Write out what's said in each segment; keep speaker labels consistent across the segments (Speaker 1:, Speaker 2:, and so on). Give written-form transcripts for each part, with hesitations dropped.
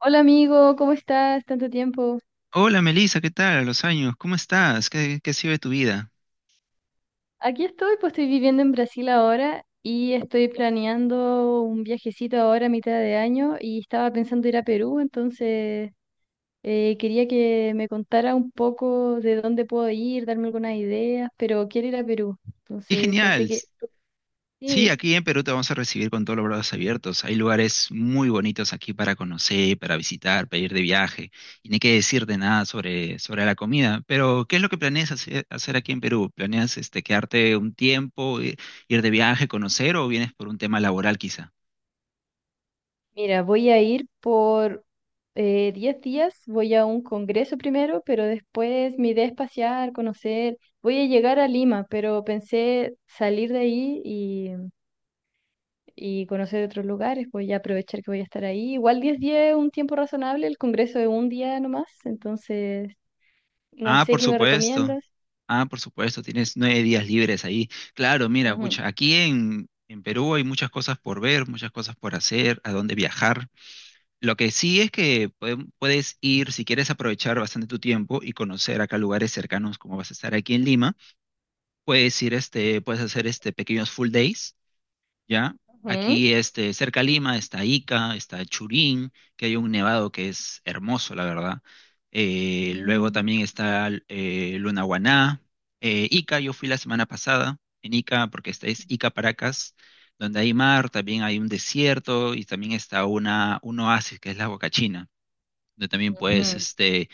Speaker 1: Hola amigo, ¿cómo estás? Tanto tiempo.
Speaker 2: Hola Melissa, ¿qué tal? A los años, ¿cómo estás? ¿Qué ha sido de tu vida?
Speaker 1: Aquí estoy, pues estoy viviendo en Brasil ahora y estoy planeando un viajecito ahora a mitad de año y estaba pensando ir a Perú, entonces quería que me contara un poco de dónde puedo ir, darme algunas ideas, pero quiero ir a Perú.
Speaker 2: ¡Qué
Speaker 1: Entonces pensé
Speaker 2: genial!
Speaker 1: que
Speaker 2: Sí,
Speaker 1: sí.
Speaker 2: aquí en Perú te vamos a recibir con todos los brazos abiertos. Hay lugares muy bonitos aquí para conocer, para visitar, para ir de viaje. Y no hay que decirte nada sobre la comida. Pero, ¿qué es lo que planeas hacer aquí en Perú? ¿Planeas este, quedarte un tiempo, ir de viaje, conocer o vienes por un tema laboral quizá?
Speaker 1: Mira, voy a ir por 10 días, voy a un congreso primero, pero después mi idea es pasear, conocer. Voy a llegar a Lima, pero pensé salir de ahí y conocer otros lugares, voy a aprovechar que voy a estar ahí. Igual 10 días es un tiempo razonable, el congreso es un día nomás, entonces no
Speaker 2: Ah,
Speaker 1: sé
Speaker 2: por
Speaker 1: qué me
Speaker 2: supuesto.
Speaker 1: recomiendas.
Speaker 2: Ah, por supuesto, tienes nueve días libres ahí. Claro, mira,
Speaker 1: Ujú,
Speaker 2: pucha, aquí en Perú hay muchas cosas por ver, muchas cosas por hacer, a dónde viajar. Lo que sí es que puedes ir, si quieres aprovechar bastante tu tiempo y conocer acá lugares cercanos, como vas a estar aquí en Lima, puedes ir, este, puedes hacer este pequeños full days, ¿ya?
Speaker 1: ujú,
Speaker 2: Aquí, este, cerca a Lima está Ica, está Churín, que hay un nevado que es hermoso, la verdad. Luego
Speaker 1: mm,
Speaker 2: también está Lunahuaná. Ica, yo fui la semana pasada en Ica, porque esta es Ica Paracas, donde hay mar, también hay un desierto y también está un oasis que es la Huacachina, donde también puedes
Speaker 1: ujú.
Speaker 2: este,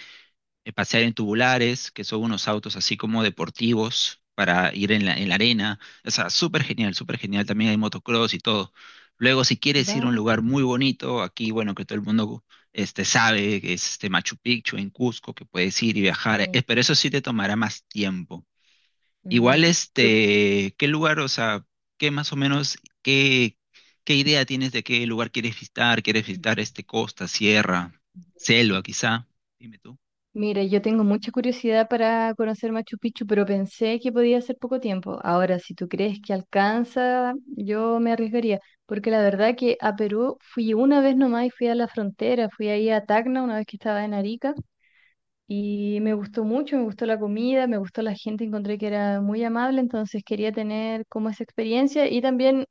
Speaker 2: pasear en tubulares, que son unos autos así como deportivos para ir en la arena. O sea, súper genial, súper genial. También hay motocross y todo. Luego, si quieres ir a un
Speaker 1: Va.
Speaker 2: lugar muy bonito, aquí, bueno, que todo el mundo este, sabe, que es este Machu Picchu en Cusco, que puedes ir y viajar,
Speaker 1: Sí.
Speaker 2: pero eso sí te tomará más tiempo. Igual,
Speaker 1: Ujú. ¿Tú?
Speaker 2: este, ¿qué lugar, o sea, qué más o menos, qué, qué idea tienes de qué lugar quieres visitar? ¿Quieres visitar este costa, sierra, selva, quizá? Dime tú.
Speaker 1: Mira, yo tengo mucha curiosidad para conocer Machu Picchu, pero pensé que podía ser poco tiempo. Ahora, si tú crees que alcanza, yo me arriesgaría, porque la verdad que a Perú fui una vez nomás y fui a la frontera, fui ahí a Tacna una vez que estaba en Arica y me gustó mucho, me gustó la comida, me gustó la gente, encontré que era muy amable, entonces quería tener como esa experiencia y también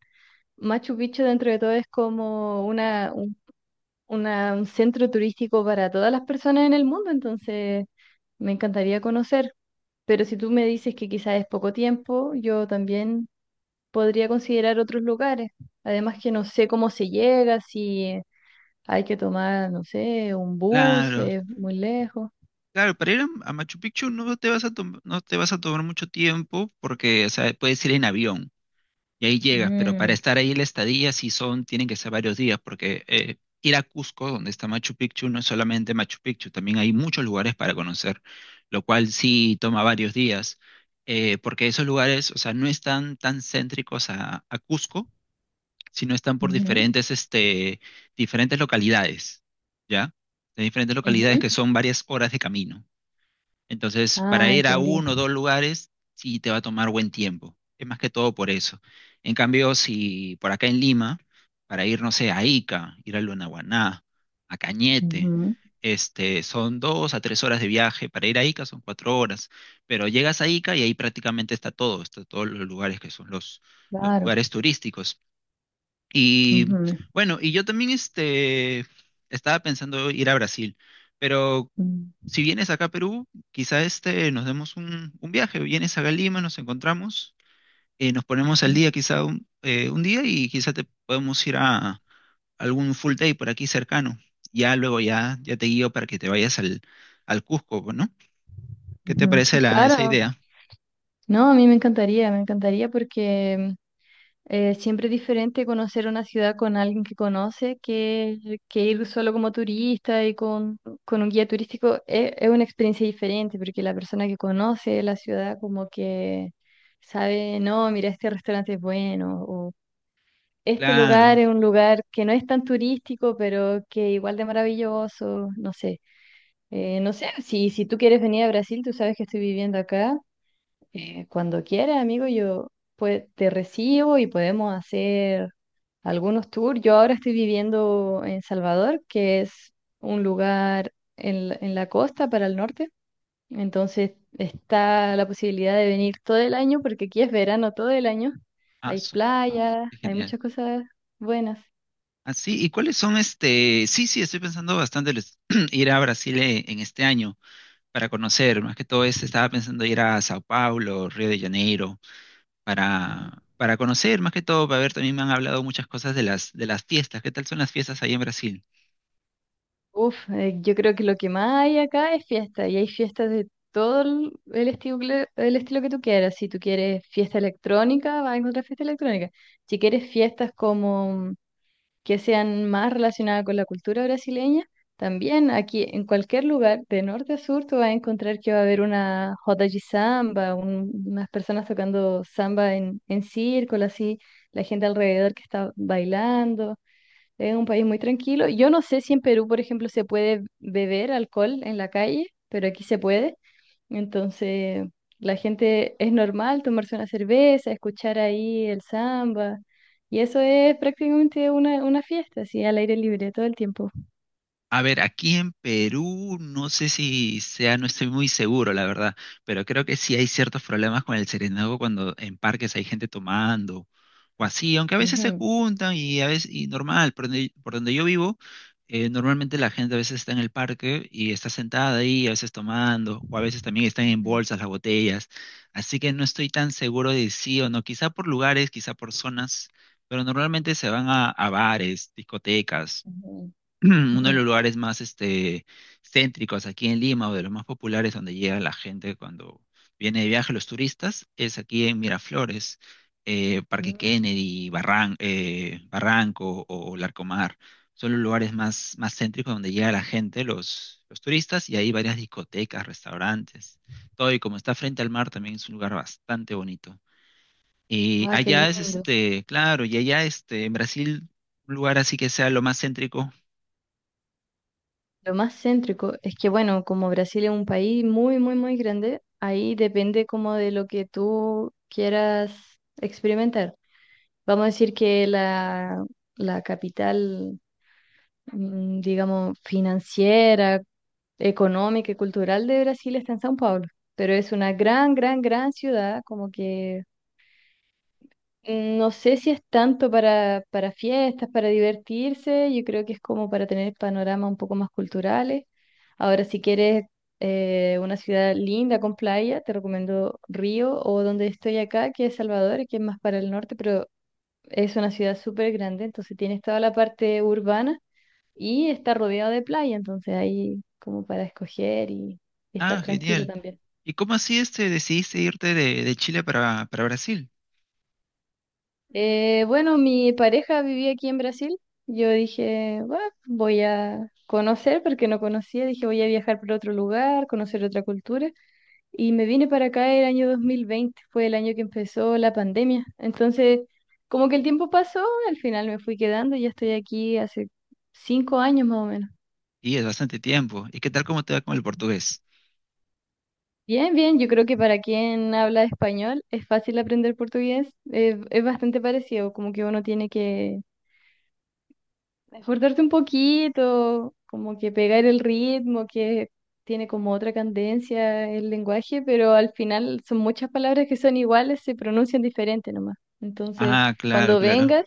Speaker 1: Machu Picchu dentro de todo es como una un centro turístico para todas las personas en el mundo, entonces me encantaría conocer. Pero si tú me dices que quizás es poco tiempo, yo también podría considerar otros lugares. Además que no sé cómo se llega, si hay que tomar, no sé, un bus,
Speaker 2: Claro.
Speaker 1: es muy lejos.
Speaker 2: Claro, para ir a Machu Picchu no te vas a no te vas a tomar mucho tiempo porque, o sea, puedes ir en avión y ahí llegas, pero para
Speaker 1: Mm,
Speaker 2: estar ahí la estadía sí son, tienen que ser varios días porque ir a Cusco, donde está Machu Picchu, no es solamente Machu Picchu, también hay muchos lugares para conocer, lo cual sí toma varios días, porque esos lugares, o sea, no están tan céntricos a Cusco, sino están por
Speaker 1: ujú,
Speaker 2: diferentes, este, diferentes localidades, ¿ya? De diferentes localidades
Speaker 1: ujú.
Speaker 2: que son varias horas de camino. Entonces, para
Speaker 1: Ah,
Speaker 2: ir a
Speaker 1: entendí.
Speaker 2: uno o dos lugares, sí te va a tomar buen tiempo. Es más que todo por eso. En cambio, si por acá en Lima, para ir, no sé, a Ica, ir a Lunahuaná, a Cañete,
Speaker 1: Ujú,
Speaker 2: este, son dos a tres horas de viaje. Para ir a Ica son cuatro horas. Pero llegas a Ica y ahí prácticamente está todo, está todos los lugares que son los
Speaker 1: claro.
Speaker 2: lugares turísticos. Y
Speaker 1: Ujú,
Speaker 2: bueno, y yo también este, estaba pensando ir a Brasil. Pero
Speaker 1: mm,
Speaker 2: si vienes acá a Perú, quizá este nos demos un viaje. Vienes acá a Lima, nos encontramos, nos ponemos al día quizá un día y quizá te podemos ir a algún full day por aquí cercano. Ya luego ya, ya te guío para que te vayas al Cusco, pues, ¿no? ¿Qué te
Speaker 1: ujú.
Speaker 2: parece esa
Speaker 1: Claro,
Speaker 2: idea?
Speaker 1: no, a mí me encantaría porque siempre es diferente conocer una ciudad con alguien que conoce que ir solo como turista y con un guía turístico. Es una experiencia diferente porque la persona que conoce la ciudad como que sabe, no, mira, este restaurante es bueno o este
Speaker 2: Claro.
Speaker 1: lugar es un lugar que no es tan turístico, pero que igual de maravilloso, no sé. No sé, si tú quieres venir a Brasil, tú sabes que estoy viviendo acá. Cuando quieras, amigo, yo pues, te recibo y podemos hacer algunos tours. Yo ahora estoy viviendo en Salvador, que es un lugar en, en la costa para el norte. Entonces está la posibilidad de venir todo el año, porque aquí es verano todo el año.
Speaker 2: Ah,
Speaker 1: Hay
Speaker 2: su-
Speaker 1: playas,
Speaker 2: ¡Qué
Speaker 1: hay
Speaker 2: genial!
Speaker 1: muchas cosas buenas.
Speaker 2: Así, ¿y cuáles son este? Sí, sí, estoy pensando bastante ir a Brasil, en este año para conocer. Más que todo, este, estaba pensando ir a Sao Paulo, Río de Janeiro para conocer, más que todo, para ver, también me han hablado muchas cosas de las fiestas. ¿Qué tal son las fiestas ahí en Brasil?
Speaker 1: Uf, yo creo que lo que más hay acá es fiesta, y hay fiestas de todo el estilo, el estilo que tú quieras. Si tú quieres fiesta electrónica, vas a encontrar fiesta electrónica. Si quieres fiestas como que sean más relacionadas con la cultura brasileña. También aquí en cualquier lugar, de norte a sur, tú vas a encontrar que va a haber una roda de samba, unas personas tocando samba en círculo, así, la gente alrededor que está bailando. Es un país muy tranquilo. Yo no sé si en Perú, por ejemplo, se puede beber alcohol en la calle, pero aquí se puede. Entonces, la gente es normal tomarse una cerveza, escuchar ahí el samba, y eso es prácticamente una fiesta, así al aire libre todo el tiempo.
Speaker 2: A ver, aquí en Perú no sé si sea, no estoy muy seguro, la verdad, pero creo que sí hay ciertos problemas con el serenazgo cuando en parques hay gente tomando o así, aunque a veces se
Speaker 1: Ujú,
Speaker 2: juntan y a veces, y normal, por donde yo vivo, normalmente la gente a veces está en el parque y está sentada ahí, a veces tomando, o a veces también están en
Speaker 1: ujú,
Speaker 2: bolsas las botellas, así que no estoy tan seguro de sí o no, quizá por lugares, quizá por zonas, pero normalmente se van a bares, discotecas.
Speaker 1: ujú,
Speaker 2: Uno
Speaker 1: ujú.
Speaker 2: de los lugares más este, céntricos aquí en Lima o de los más populares donde llega la gente cuando viene de viaje, los turistas, es aquí en Miraflores, Parque
Speaker 1: Mm.
Speaker 2: Kennedy, Barranco o Larcomar. Son los lugares más, más céntricos donde llega la gente, los turistas, y hay varias discotecas, restaurantes, todo. Y como está frente al mar, también es un lugar bastante bonito. Y
Speaker 1: Ah, qué
Speaker 2: allá es
Speaker 1: lindo.
Speaker 2: este, claro, y allá este, en Brasil, un lugar así que sea lo más céntrico.
Speaker 1: Lo más céntrico es que, bueno, como Brasil es un país muy, muy, muy grande, ahí depende como de lo que tú quieras experimentar. Vamos a decir que la capital, mm, digamos, financiera, económica y cultural de Brasil está en São Paulo, pero es una gran, gran, gran ciudad, como que mm, no sé si es tanto para fiestas, para divertirse, yo creo que es como para tener panoramas un poco más culturales. Ahora, si quieres una ciudad linda con playa, te recomiendo Río o donde estoy acá, que es Salvador, que es más para el norte, pero es una ciudad súper grande, entonces tienes toda la parte urbana y está rodeado de playa, entonces ahí como para escoger y estar
Speaker 2: Ah,
Speaker 1: tranquilo
Speaker 2: genial.
Speaker 1: también.
Speaker 2: ¿Y cómo así este decidiste irte de Chile para Brasil?
Speaker 1: Bueno, mi pareja vivía aquí en Brasil. Yo dije, "Bah, voy a conocer porque no conocía. Dije, voy a viajar por otro lugar, conocer otra cultura. Y me vine para acá el año 2020, fue el año que empezó la pandemia. Entonces, como que el tiempo pasó, al final me fui quedando y ya estoy aquí hace 5 años más o menos.
Speaker 2: Y es bastante tiempo. ¿Y qué tal cómo te va con el portugués?
Speaker 1: Bien, bien, yo creo que para quien habla español es fácil aprender portugués, es bastante parecido, como que uno tiene que esforzarse un poquito, como que pegar el ritmo, que tiene como otra cadencia el lenguaje, pero al final son muchas palabras que son iguales, se pronuncian diferente nomás. Entonces,
Speaker 2: Ah, claro,
Speaker 1: cuando
Speaker 2: claro.
Speaker 1: vengas,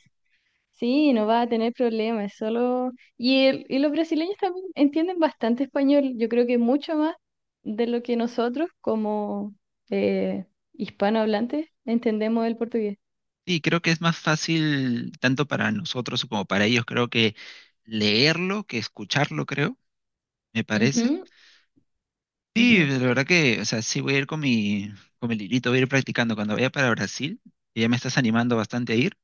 Speaker 1: sí, no va a tener problemas, solo... y los brasileños también entienden bastante español, yo creo que mucho más de lo que nosotros como eh, hispanohablantes entendemos el portugués.
Speaker 2: Sí, creo que es más fácil tanto para nosotros como para ellos, creo que leerlo que escucharlo, creo, me parece.
Speaker 1: Ujú,
Speaker 2: Sí,
Speaker 1: ujú.
Speaker 2: la verdad que, o sea, sí voy a ir con mi librito, voy a ir practicando. Cuando vaya para Brasil, que ya me estás animando bastante a ir,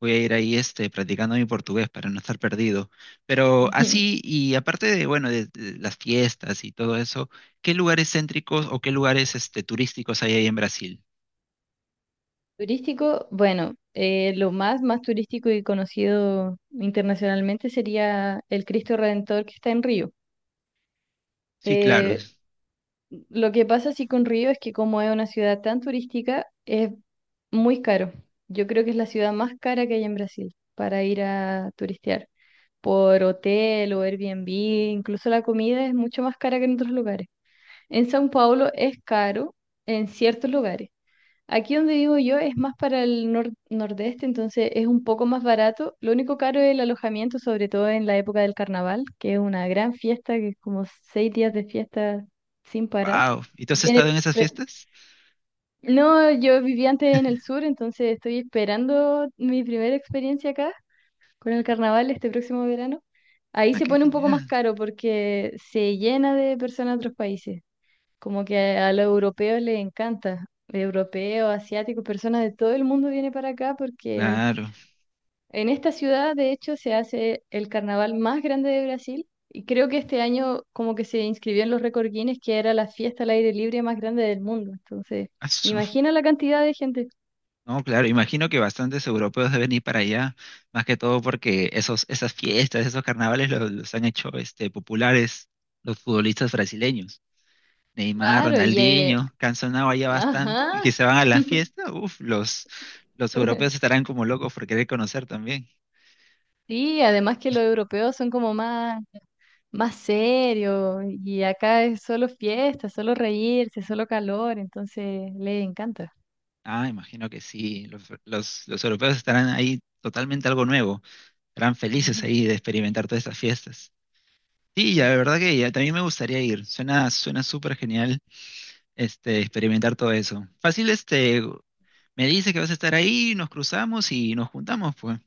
Speaker 2: voy a ir ahí este, practicando mi portugués para no estar perdido. Pero así, y aparte de, bueno, de las fiestas y todo eso, ¿qué lugares céntricos o qué lugares este, turísticos hay ahí en Brasil?
Speaker 1: Turístico, bueno, lo más, más turístico y conocido internacionalmente sería el Cristo Redentor que está en Río.
Speaker 2: Sí, claro.
Speaker 1: Eh, Lo que pasa así con Río es que como es una ciudad tan turística, es muy caro. Yo creo que es la ciudad más cara que hay en Brasil para ir a turistear. Por hotel o Airbnb, incluso la comida es mucho más cara que en otros lugares. En São Paulo es caro en ciertos lugares. Aquí donde vivo yo es más para el nordeste, entonces es un poco más barato. Lo único caro es el alojamiento, sobre todo en la época del carnaval, que es una gran fiesta, que es como 6 días de fiesta sin parar.
Speaker 2: Wow. ¿Y tú has estado
Speaker 1: Viene,
Speaker 2: en esas
Speaker 1: per-
Speaker 2: fiestas?
Speaker 1: no, yo vivía antes en el sur, entonces estoy esperando mi primera experiencia acá con el carnaval este próximo verano. Ahí
Speaker 2: Ah,
Speaker 1: se
Speaker 2: qué
Speaker 1: pone un poco más
Speaker 2: genial.
Speaker 1: caro porque se llena de personas de otros países. Como que a los europeos les encanta. Europeos, asiáticos, personas de todo el mundo vienen para acá porque
Speaker 2: Claro.
Speaker 1: en esta ciudad, de hecho, se hace el carnaval más grande de Brasil. Y creo que este año como que se inscribió en los récord Guinness, que era la fiesta al aire libre más grande del mundo. Entonces,
Speaker 2: Asu.
Speaker 1: imagina la cantidad de gente.
Speaker 2: No, claro. Imagino que bastantes europeos deben ir para allá, más que todo porque esos, esas fiestas, esos carnavales los han hecho este, populares los futbolistas brasileños. Neymar,
Speaker 1: Claro, y...
Speaker 2: Ronaldinho, que han sonado ya bastante
Speaker 1: ajá.
Speaker 2: y que se van a la fiesta, uff, los europeos estarán como locos por querer conocer también.
Speaker 1: Sí, además que los europeos son como más serio y acá es solo fiesta, solo reírse, solo calor, entonces le encanta.
Speaker 2: Ah, imagino que sí, los europeos estarán ahí totalmente algo nuevo, estarán felices
Speaker 1: Ujú,
Speaker 2: ahí de experimentar todas estas fiestas. Sí, ya,
Speaker 1: sí.
Speaker 2: de verdad que ya, también me gustaría ir, suena, suena súper genial este, experimentar todo eso. Fácil, este, me dice que vas a estar ahí, nos cruzamos y nos juntamos, pues.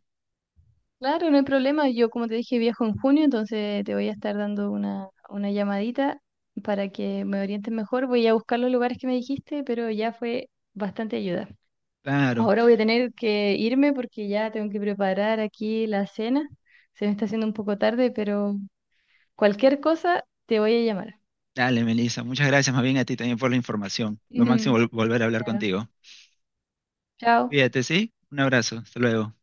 Speaker 1: Claro, no hay problema. Yo, como te dije, viajo en junio, entonces te voy a estar dando una llamadita para que me orientes mejor. Voy a buscar los lugares que me dijiste, pero ya fue bastante ayuda.
Speaker 2: Claro.
Speaker 1: Ahora voy a tener que irme porque ya tengo que preparar aquí la cena. Se me está haciendo un poco tarde, pero cualquier cosa te voy a llamar.
Speaker 2: Dale, Melissa. Muchas gracias más bien a ti también por la información. Lo máximo
Speaker 1: Ujú.
Speaker 2: volver a hablar
Speaker 1: Ya.
Speaker 2: contigo.
Speaker 1: Chao.
Speaker 2: Cuídate, ¿sí? Un abrazo. Hasta luego.